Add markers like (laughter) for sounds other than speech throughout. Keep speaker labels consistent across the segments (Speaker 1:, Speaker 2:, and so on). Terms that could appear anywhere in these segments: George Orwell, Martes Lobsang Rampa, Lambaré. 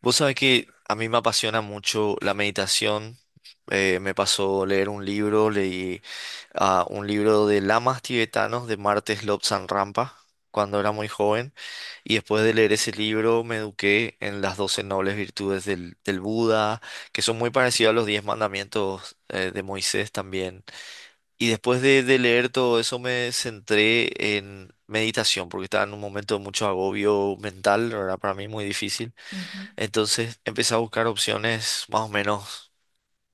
Speaker 1: Vos sabés que a mí me apasiona mucho la meditación. Me pasó leer un libro, un libro de lamas tibetanos de Martes Lobsang Rampa cuando era muy joven. Y después de leer ese libro me eduqué en las 12 nobles virtudes del Buda, que son muy parecidas a los 10 mandamientos de Moisés también. Y después de leer todo eso me centré en meditación, porque estaba en un momento de mucho agobio mental, no era para mí muy difícil.
Speaker 2: Ujú.
Speaker 1: Entonces empecé a buscar opciones más o menos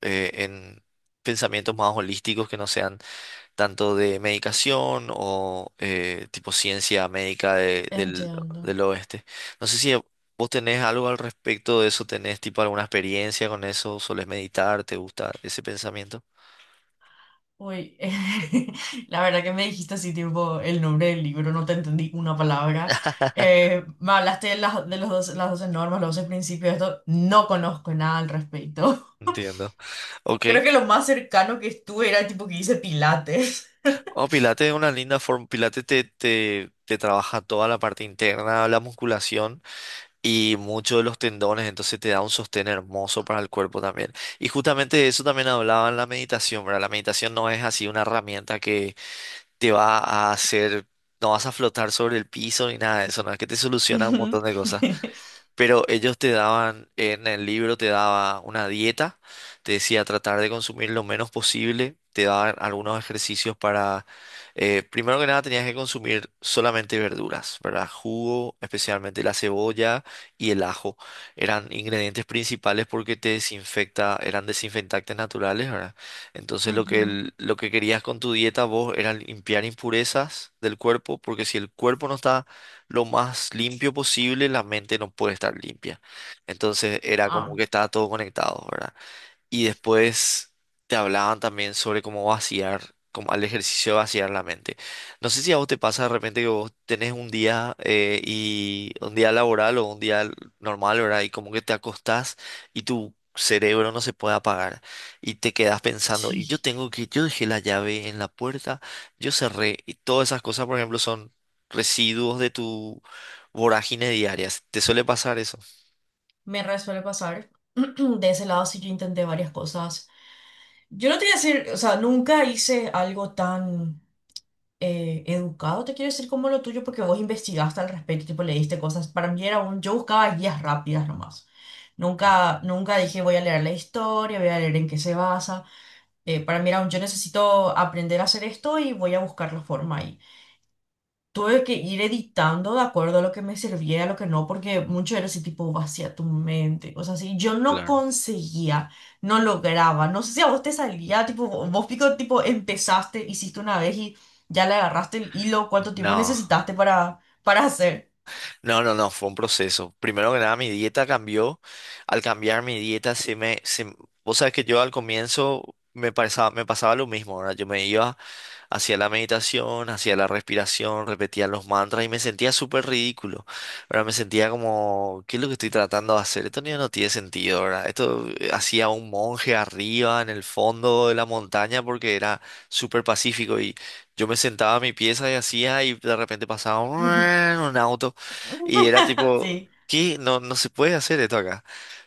Speaker 1: en pensamientos más holísticos que no sean tanto de medicación o tipo ciencia médica de- del,
Speaker 2: Entiendo.
Speaker 1: del oeste. No sé si vos tenés algo al respecto de eso, tenés tipo alguna experiencia con eso, solés meditar, te gusta ese pensamiento.
Speaker 2: Uy, (laughs) la verdad, que me dijiste así, tipo, el nombre del libro, no te entendí una palabra. Me hablaste de los 12 las 12 normas, los 12 principios, esto, no conozco nada al respecto.
Speaker 1: Entiendo.
Speaker 2: (laughs)
Speaker 1: Ok.
Speaker 2: Creo que lo más cercano que estuve era el tipo que hice pilates.
Speaker 1: Oh, Pilates es una linda forma. Pilates te trabaja toda la parte interna, la musculación y muchos de los tendones, entonces te da un sostén hermoso para el cuerpo también. Y justamente de eso también hablaba en la meditación, ¿verdad? La meditación no es así una herramienta que te va a hacer, no vas a flotar sobre el piso ni nada de eso, no es que te
Speaker 2: (laughs)
Speaker 1: soluciona un
Speaker 2: Ujú.
Speaker 1: montón de cosas,
Speaker 2: (laughs)
Speaker 1: pero ellos te daban, en el libro te daba una dieta, te decía tratar de consumir lo menos posible, te daban algunos ejercicios para, primero que nada tenías que consumir solamente verduras, ¿verdad? Jugo, especialmente la cebolla y el ajo, eran ingredientes principales porque te desinfecta, eran desinfectantes naturales, ¿verdad? Entonces
Speaker 2: Ujú.
Speaker 1: lo que querías con tu dieta vos era limpiar impurezas del cuerpo, porque si el cuerpo no está lo más limpio posible, la mente no puede estar limpia. Entonces era como
Speaker 2: Ah,
Speaker 1: que estaba todo conectado, ¿verdad? Y después te hablaban también sobre cómo vaciar, como al ejercicio de vaciar la mente. No sé si a vos te pasa de repente que vos tenés un día y un día laboral o un día normal, ¿verdad? Y como que te acostás y tu cerebro no se puede apagar y te quedás pensando, y yo
Speaker 2: sí,
Speaker 1: tengo que, yo dejé la llave en la puerta, yo cerré, y todas esas cosas, por ejemplo, son residuos de tu vorágine diaria. ¿Te suele pasar eso?
Speaker 2: me re suele pasar. (clears throat) De ese lado sí, yo intenté varias cosas. Yo no te voy a decir, o sea, nunca hice algo tan educado, te quiero decir, como lo tuyo, porque vos investigaste al respecto, tipo, leíste cosas. Para mí era un, yo buscaba guías rápidas nomás.
Speaker 1: Claro,
Speaker 2: Nunca dije voy a leer la historia, voy a leer en qué se basa. Para mí era un, yo necesito aprender a hacer esto y voy a buscar la forma. Tuve que ir editando de acuerdo a lo que me servía y a lo que no, porque mucho era ese tipo vacía tu mente, cosas así. Yo no
Speaker 1: claro.
Speaker 2: conseguía, no lograba, no sé si a vos te salía, tipo, vos pico, tipo, empezaste, hiciste una vez y ya le agarraste el hilo. ¿Cuánto tiempo
Speaker 1: No.
Speaker 2: necesitaste para hacer?
Speaker 1: No, no, no, fue un proceso. Primero que nada, mi dieta cambió. Al cambiar mi dieta, vos sabés que yo al comienzo me pasaba lo mismo, ¿verdad? Yo me iba, hacía la meditación, hacía la respiración, repetía los mantras y me sentía súper ridículo. ¿Verdad? Me sentía como, ¿qué es lo que estoy tratando de hacer? Esto no tiene sentido, ¿verdad? Esto hacía un monje arriba en el fondo de la montaña porque era súper pacífico y yo me sentaba en mi pieza y hacía y de repente pasaba un
Speaker 2: (laughs)
Speaker 1: un auto y era tipo,
Speaker 2: Sí,
Speaker 1: ¿qué? No, no se puede hacer esto acá,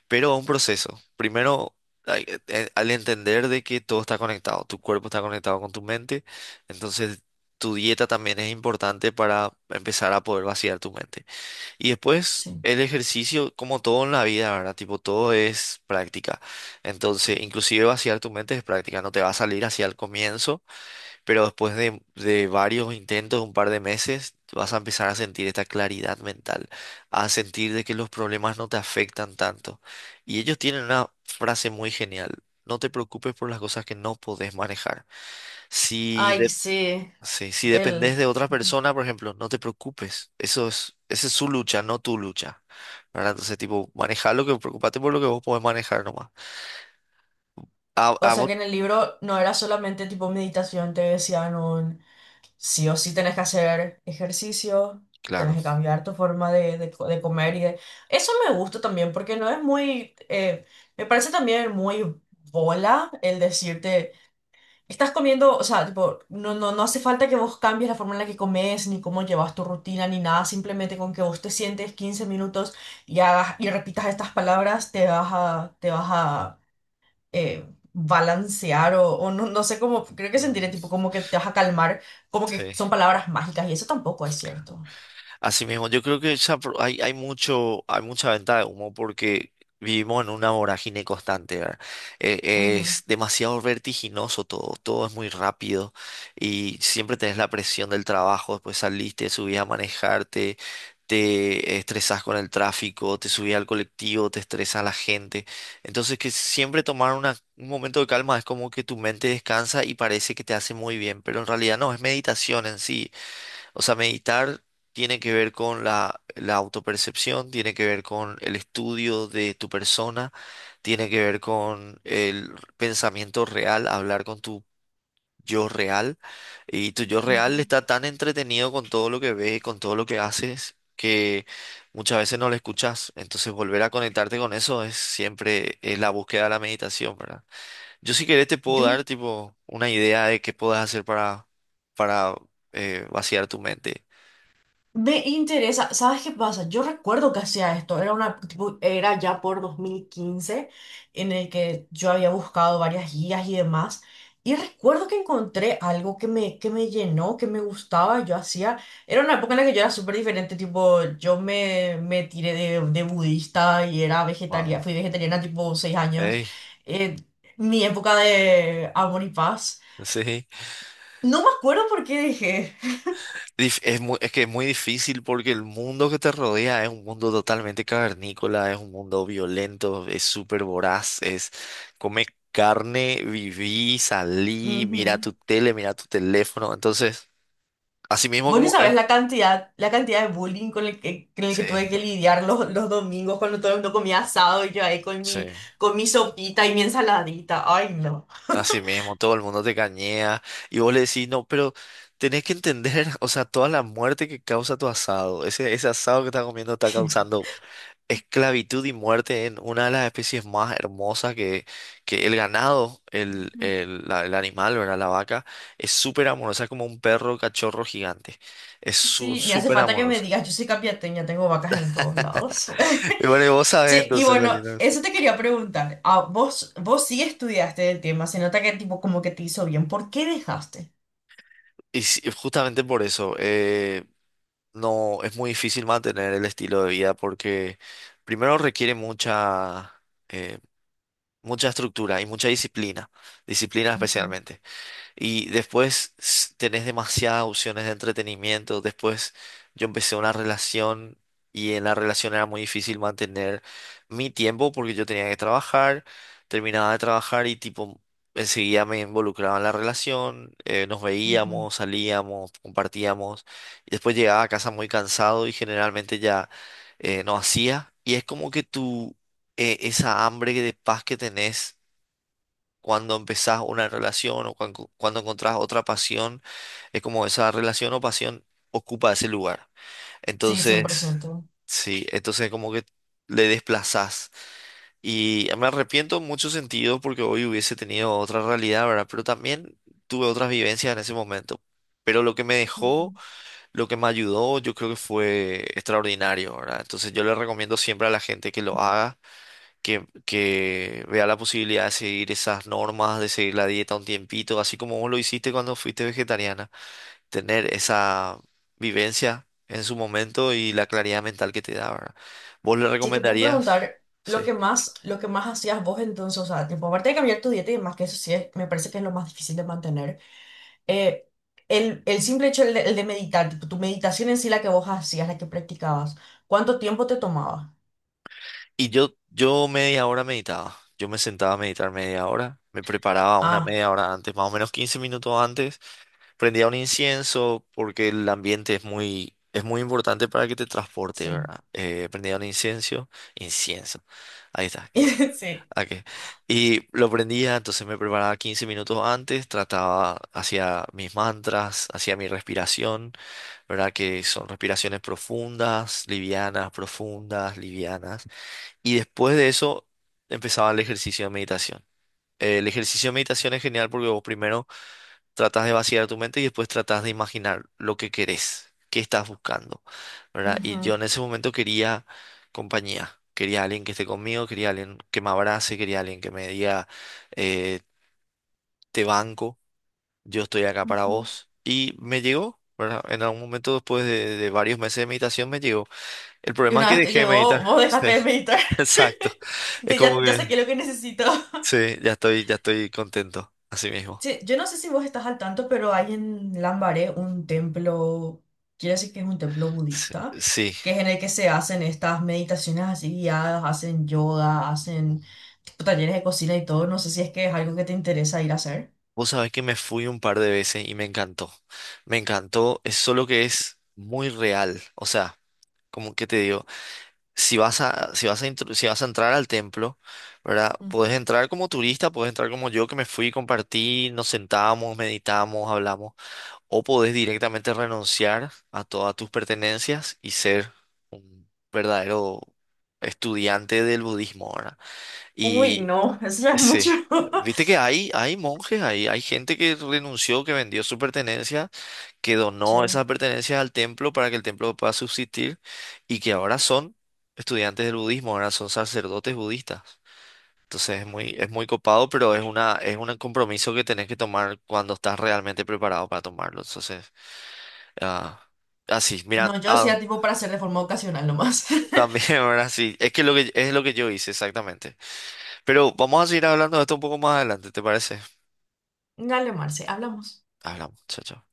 Speaker 1: pero un proceso. Primero, al entender de que todo está conectado, tu cuerpo está conectado con tu mente, entonces, tu dieta también es importante para empezar a poder vaciar tu mente. Y después,
Speaker 2: sí.
Speaker 1: el ejercicio, como todo en la vida, ¿verdad? Tipo, todo es práctica. Entonces, inclusive vaciar tu mente es práctica. No te va a salir hacia el comienzo, pero después de varios intentos, un par de meses, vas a empezar a sentir esta claridad mental, a sentir de que los problemas no te afectan tanto. Y ellos tienen una frase muy genial. No te preocupes por las cosas que no podés manejar. Si
Speaker 2: Ay,
Speaker 1: de-
Speaker 2: sí,
Speaker 1: Sí, si dependés
Speaker 2: el...
Speaker 1: de otra persona, por ejemplo, no te preocupes. Eso es, esa es su lucha, no tu lucha. ¿Verdad? Entonces, tipo, manejar lo que, preocupate por lo que vos podés manejar nomás.
Speaker 2: O
Speaker 1: A
Speaker 2: sea
Speaker 1: vos,
Speaker 2: que en el libro no era solamente tipo meditación, te decían sí o sí tenés que hacer ejercicio, tenés
Speaker 1: claro.
Speaker 2: que cambiar tu forma de co- de comer y de... Eso me gusta también porque no es muy... me parece también muy bola el decirte, estás comiendo, o sea, tipo, no, no, no hace falta que vos cambies la forma en la que comes, ni cómo llevas tu rutina, ni nada, simplemente con que vos te sientes 15 minutos y hagas y repitas estas palabras, te vas a balancear o no, no sé cómo, creo que sentiré
Speaker 1: Ujú.
Speaker 2: tipo como que te vas a calmar, como que
Speaker 1: Sí,
Speaker 2: son palabras mágicas y eso tampoco es
Speaker 1: claro.
Speaker 2: cierto.
Speaker 1: Así mismo, yo creo que hay mucha venta de humo porque vivimos en una vorágine constante, ¿verdad?
Speaker 2: Ujú,
Speaker 1: Es demasiado vertiginoso todo, todo es muy rápido y siempre tenés la presión del trabajo, después saliste, subís a manejarte, te estresás con el tráfico, te subís al colectivo, te estresa la gente. Entonces que siempre tomar un momento de calma es como que tu mente descansa y parece que te hace muy bien, pero en realidad no, es meditación en sí, o sea, meditar tiene que ver con la, la autopercepción, tiene que ver con el estudio de tu persona, tiene que ver con el pensamiento real, hablar con tu yo real. Y tu yo real
Speaker 2: ujú.
Speaker 1: está tan entretenido con todo lo que ves, con todo lo que haces, que muchas veces no lo escuchas. Entonces volver a conectarte con eso es siempre es la búsqueda de la meditación, ¿verdad? Yo si querés te puedo
Speaker 2: Yo
Speaker 1: dar tipo una idea de qué puedas hacer para vaciar tu mente.
Speaker 2: me interesa. ¿Sabes qué pasa? Yo recuerdo que hacía esto, era una, tipo, era ya por 2015 en el que yo había buscado varias guías y demás, y recuerdo que encontré algo que me llenó, que me gustaba, yo hacía, era una época en la que yo era súper diferente, tipo, yo me tiré de budista y era
Speaker 1: Wow.
Speaker 2: vegetariana, fui vegetariana tipo 6 años,
Speaker 1: Ey,
Speaker 2: eh, mi época de amor y paz,
Speaker 1: sí.
Speaker 2: no me acuerdo por qué dejé.
Speaker 1: Es que es muy difícil porque el mundo que te rodea es un mundo totalmente cavernícola, es un mundo violento, es súper voraz, es come carne, viví, salí, mira tu
Speaker 2: (laughs)
Speaker 1: tele, mira tu teléfono. Entonces, así mismo
Speaker 2: Vos no
Speaker 1: como es.
Speaker 2: sabés la cantidad de bullying con el que
Speaker 1: Sí,
Speaker 2: tuve que lidiar los domingos, cuando todo el mundo comía asado y yo ahí
Speaker 1: sí.
Speaker 2: con mi sopita y mi ensaladita. Ay, no.
Speaker 1: Así mismo, todo el mundo te cañea y vos le decís, no, pero tenés que entender, (laughs) o sea, toda la muerte que causa tu asado, ese asado que estás comiendo está causando esclavitud y muerte en una de las especies más hermosas que el ganado,
Speaker 2: Ujú.
Speaker 1: el, el animal, ¿verdad? La vaca, es súper amorosa, es como un perro cachorro gigante, es
Speaker 2: Sí, me hace
Speaker 1: súper
Speaker 2: falta que me
Speaker 1: amorosa.
Speaker 2: digas, yo soy capiateña, tengo vacas en todos lados.
Speaker 1: (laughs) Y bueno, y
Speaker 2: (laughs)
Speaker 1: vos sabés
Speaker 2: Sí, y
Speaker 1: entonces lo
Speaker 2: bueno,
Speaker 1: lindo de eso.
Speaker 2: eso te quería preguntar. Ah, vos, vos sí estudiaste el tema, se nota que tipo como que te hizo bien. ¿Por qué dejaste?
Speaker 1: Y sí, justamente por eso. No es muy difícil mantener el estilo de vida porque primero requiere eh, mucha estructura y mucha disciplina, disciplina
Speaker 2: Ujú,
Speaker 1: especialmente. Y después tenés demasiadas opciones de entretenimiento. Después yo empecé una relación y en la relación era muy difícil mantener mi tiempo porque yo tenía que trabajar, terminaba de trabajar y tipo enseguida me involucraba en la relación, nos
Speaker 2: ujú.
Speaker 1: veíamos, salíamos, compartíamos. Y después llegaba a casa muy cansado y generalmente ya no hacía. Y es como que tú, esa hambre de paz que tenés cuando empezás una relación o cuando encontrás otra pasión, es como esa relación o pasión ocupa ese lugar.
Speaker 2: Sí,
Speaker 1: Entonces,
Speaker 2: 100%.
Speaker 1: sí, entonces como que le desplazás. Y me arrepiento en muchos sentidos porque hoy hubiese tenido otra realidad, ¿verdad? Pero también tuve otras vivencias en ese momento. Pero lo que me dejó, lo que me ayudó, yo creo que fue extraordinario, ¿verdad? Entonces yo le recomiendo siempre a la gente que lo haga, que vea la posibilidad de seguir esas normas, de seguir la dieta un tiempito, así como vos lo hiciste cuando fuiste vegetariana, tener esa vivencia en su momento y la claridad mental que te da, ¿verdad? ¿Vos le
Speaker 2: Si te puedo
Speaker 1: recomendarías?
Speaker 2: preguntar
Speaker 1: Sí.
Speaker 2: lo que más hacías vos entonces, o sea, tipo, aparte de cambiar tu dieta y demás, que eso sí es- me parece que es lo más difícil de mantener, eh, el simple hecho el de meditar, tipo, tu meditación en sí, la que vos hacías, la que practicabas, ¿cuánto tiempo te tomaba?
Speaker 1: Y yo media hora meditaba, yo me sentaba a meditar media hora, me preparaba una
Speaker 2: Ah,
Speaker 1: media hora antes, más o menos 15 minutos antes, prendía un incienso porque el ambiente es muy importante para que te transporte,
Speaker 2: sí.
Speaker 1: ¿verdad? Prendía un incienso, incienso, ahí está, incienso.
Speaker 2: (laughs) Sí.
Speaker 1: Ok. Y lo prendía, entonces me preparaba 15 minutos antes, trataba, hacía mis mantras, hacía mi respiración, ¿verdad? Que son respiraciones profundas, livianas, profundas, livianas. Y después de eso empezaba el ejercicio de meditación. El ejercicio de meditación es genial porque vos primero tratas de vaciar tu mente y después tratas de imaginar lo que querés, qué estás buscando, ¿verdad? Y
Speaker 2: Ujú.
Speaker 1: yo en ese momento quería compañía, quería alguien que esté conmigo, quería alguien que me abrace, quería alguien que me diga, eh, te banco, yo estoy acá para
Speaker 2: Ujú.
Speaker 1: vos. Y me llegó, ¿verdad? En algún momento después de varios meses de meditación me llegó. El
Speaker 2: Y
Speaker 1: problema es
Speaker 2: una
Speaker 1: que
Speaker 2: vez te
Speaker 1: dejé de
Speaker 2: llegó,
Speaker 1: meditar.
Speaker 2: vos
Speaker 1: (laughs) Sí,
Speaker 2: dejaste de meditar.
Speaker 1: exacto.
Speaker 2: (laughs)
Speaker 1: Es
Speaker 2: De, ya,
Speaker 1: como
Speaker 2: ya
Speaker 1: que,
Speaker 2: saqué lo que necesito.
Speaker 1: sí, ya estoy contento, así mismo.
Speaker 2: Sí, yo no sé si vos estás al tanto, pero hay en Lambaré un templo, quiero decir que es un templo
Speaker 1: Sí.
Speaker 2: budista,
Speaker 1: Sí.
Speaker 2: que es en el que se hacen estas meditaciones así guiadas, hacen yoga, hacen tipo talleres de cocina y todo. No sé si es que es algo que te interesa ir a hacer.
Speaker 1: Vos sabés que me fui un par de veces y me encantó. Me encantó, es solo que es muy real. O sea, como que te digo, si vas a, si vas a entrar al templo, ¿verdad? Podés
Speaker 2: Ujú.
Speaker 1: entrar como turista, podés entrar como yo que me fui, compartí, nos sentamos, meditamos, hablamos. O podés directamente renunciar a todas tus pertenencias y ser un verdadero estudiante del budismo, ¿verdad?
Speaker 2: Uy, no, (laughs) eso ya es mucho.
Speaker 1: Sí.
Speaker 2: (laughs)
Speaker 1: Viste que hay monjes, hay gente que renunció, que vendió su pertenencia, que donó
Speaker 2: Sí.
Speaker 1: esas pertenencias al templo para que el templo pueda subsistir y que ahora son estudiantes del budismo, ahora son sacerdotes budistas. Entonces es muy copado, pero es una, es un compromiso que tenés que tomar cuando estás realmente preparado para tomarlo. Entonces, ah, así, mira,
Speaker 2: No, yo
Speaker 1: ah,
Speaker 2: decía tipo para hacer de forma ocasional nomás.
Speaker 1: también, (laughs) ahora sí, es lo que yo hice exactamente. Pero vamos a seguir hablando de esto un poco más adelante, ¿te parece?
Speaker 2: (laughs) Dale, Marce, hablamos.
Speaker 1: Hablamos, chao, chao.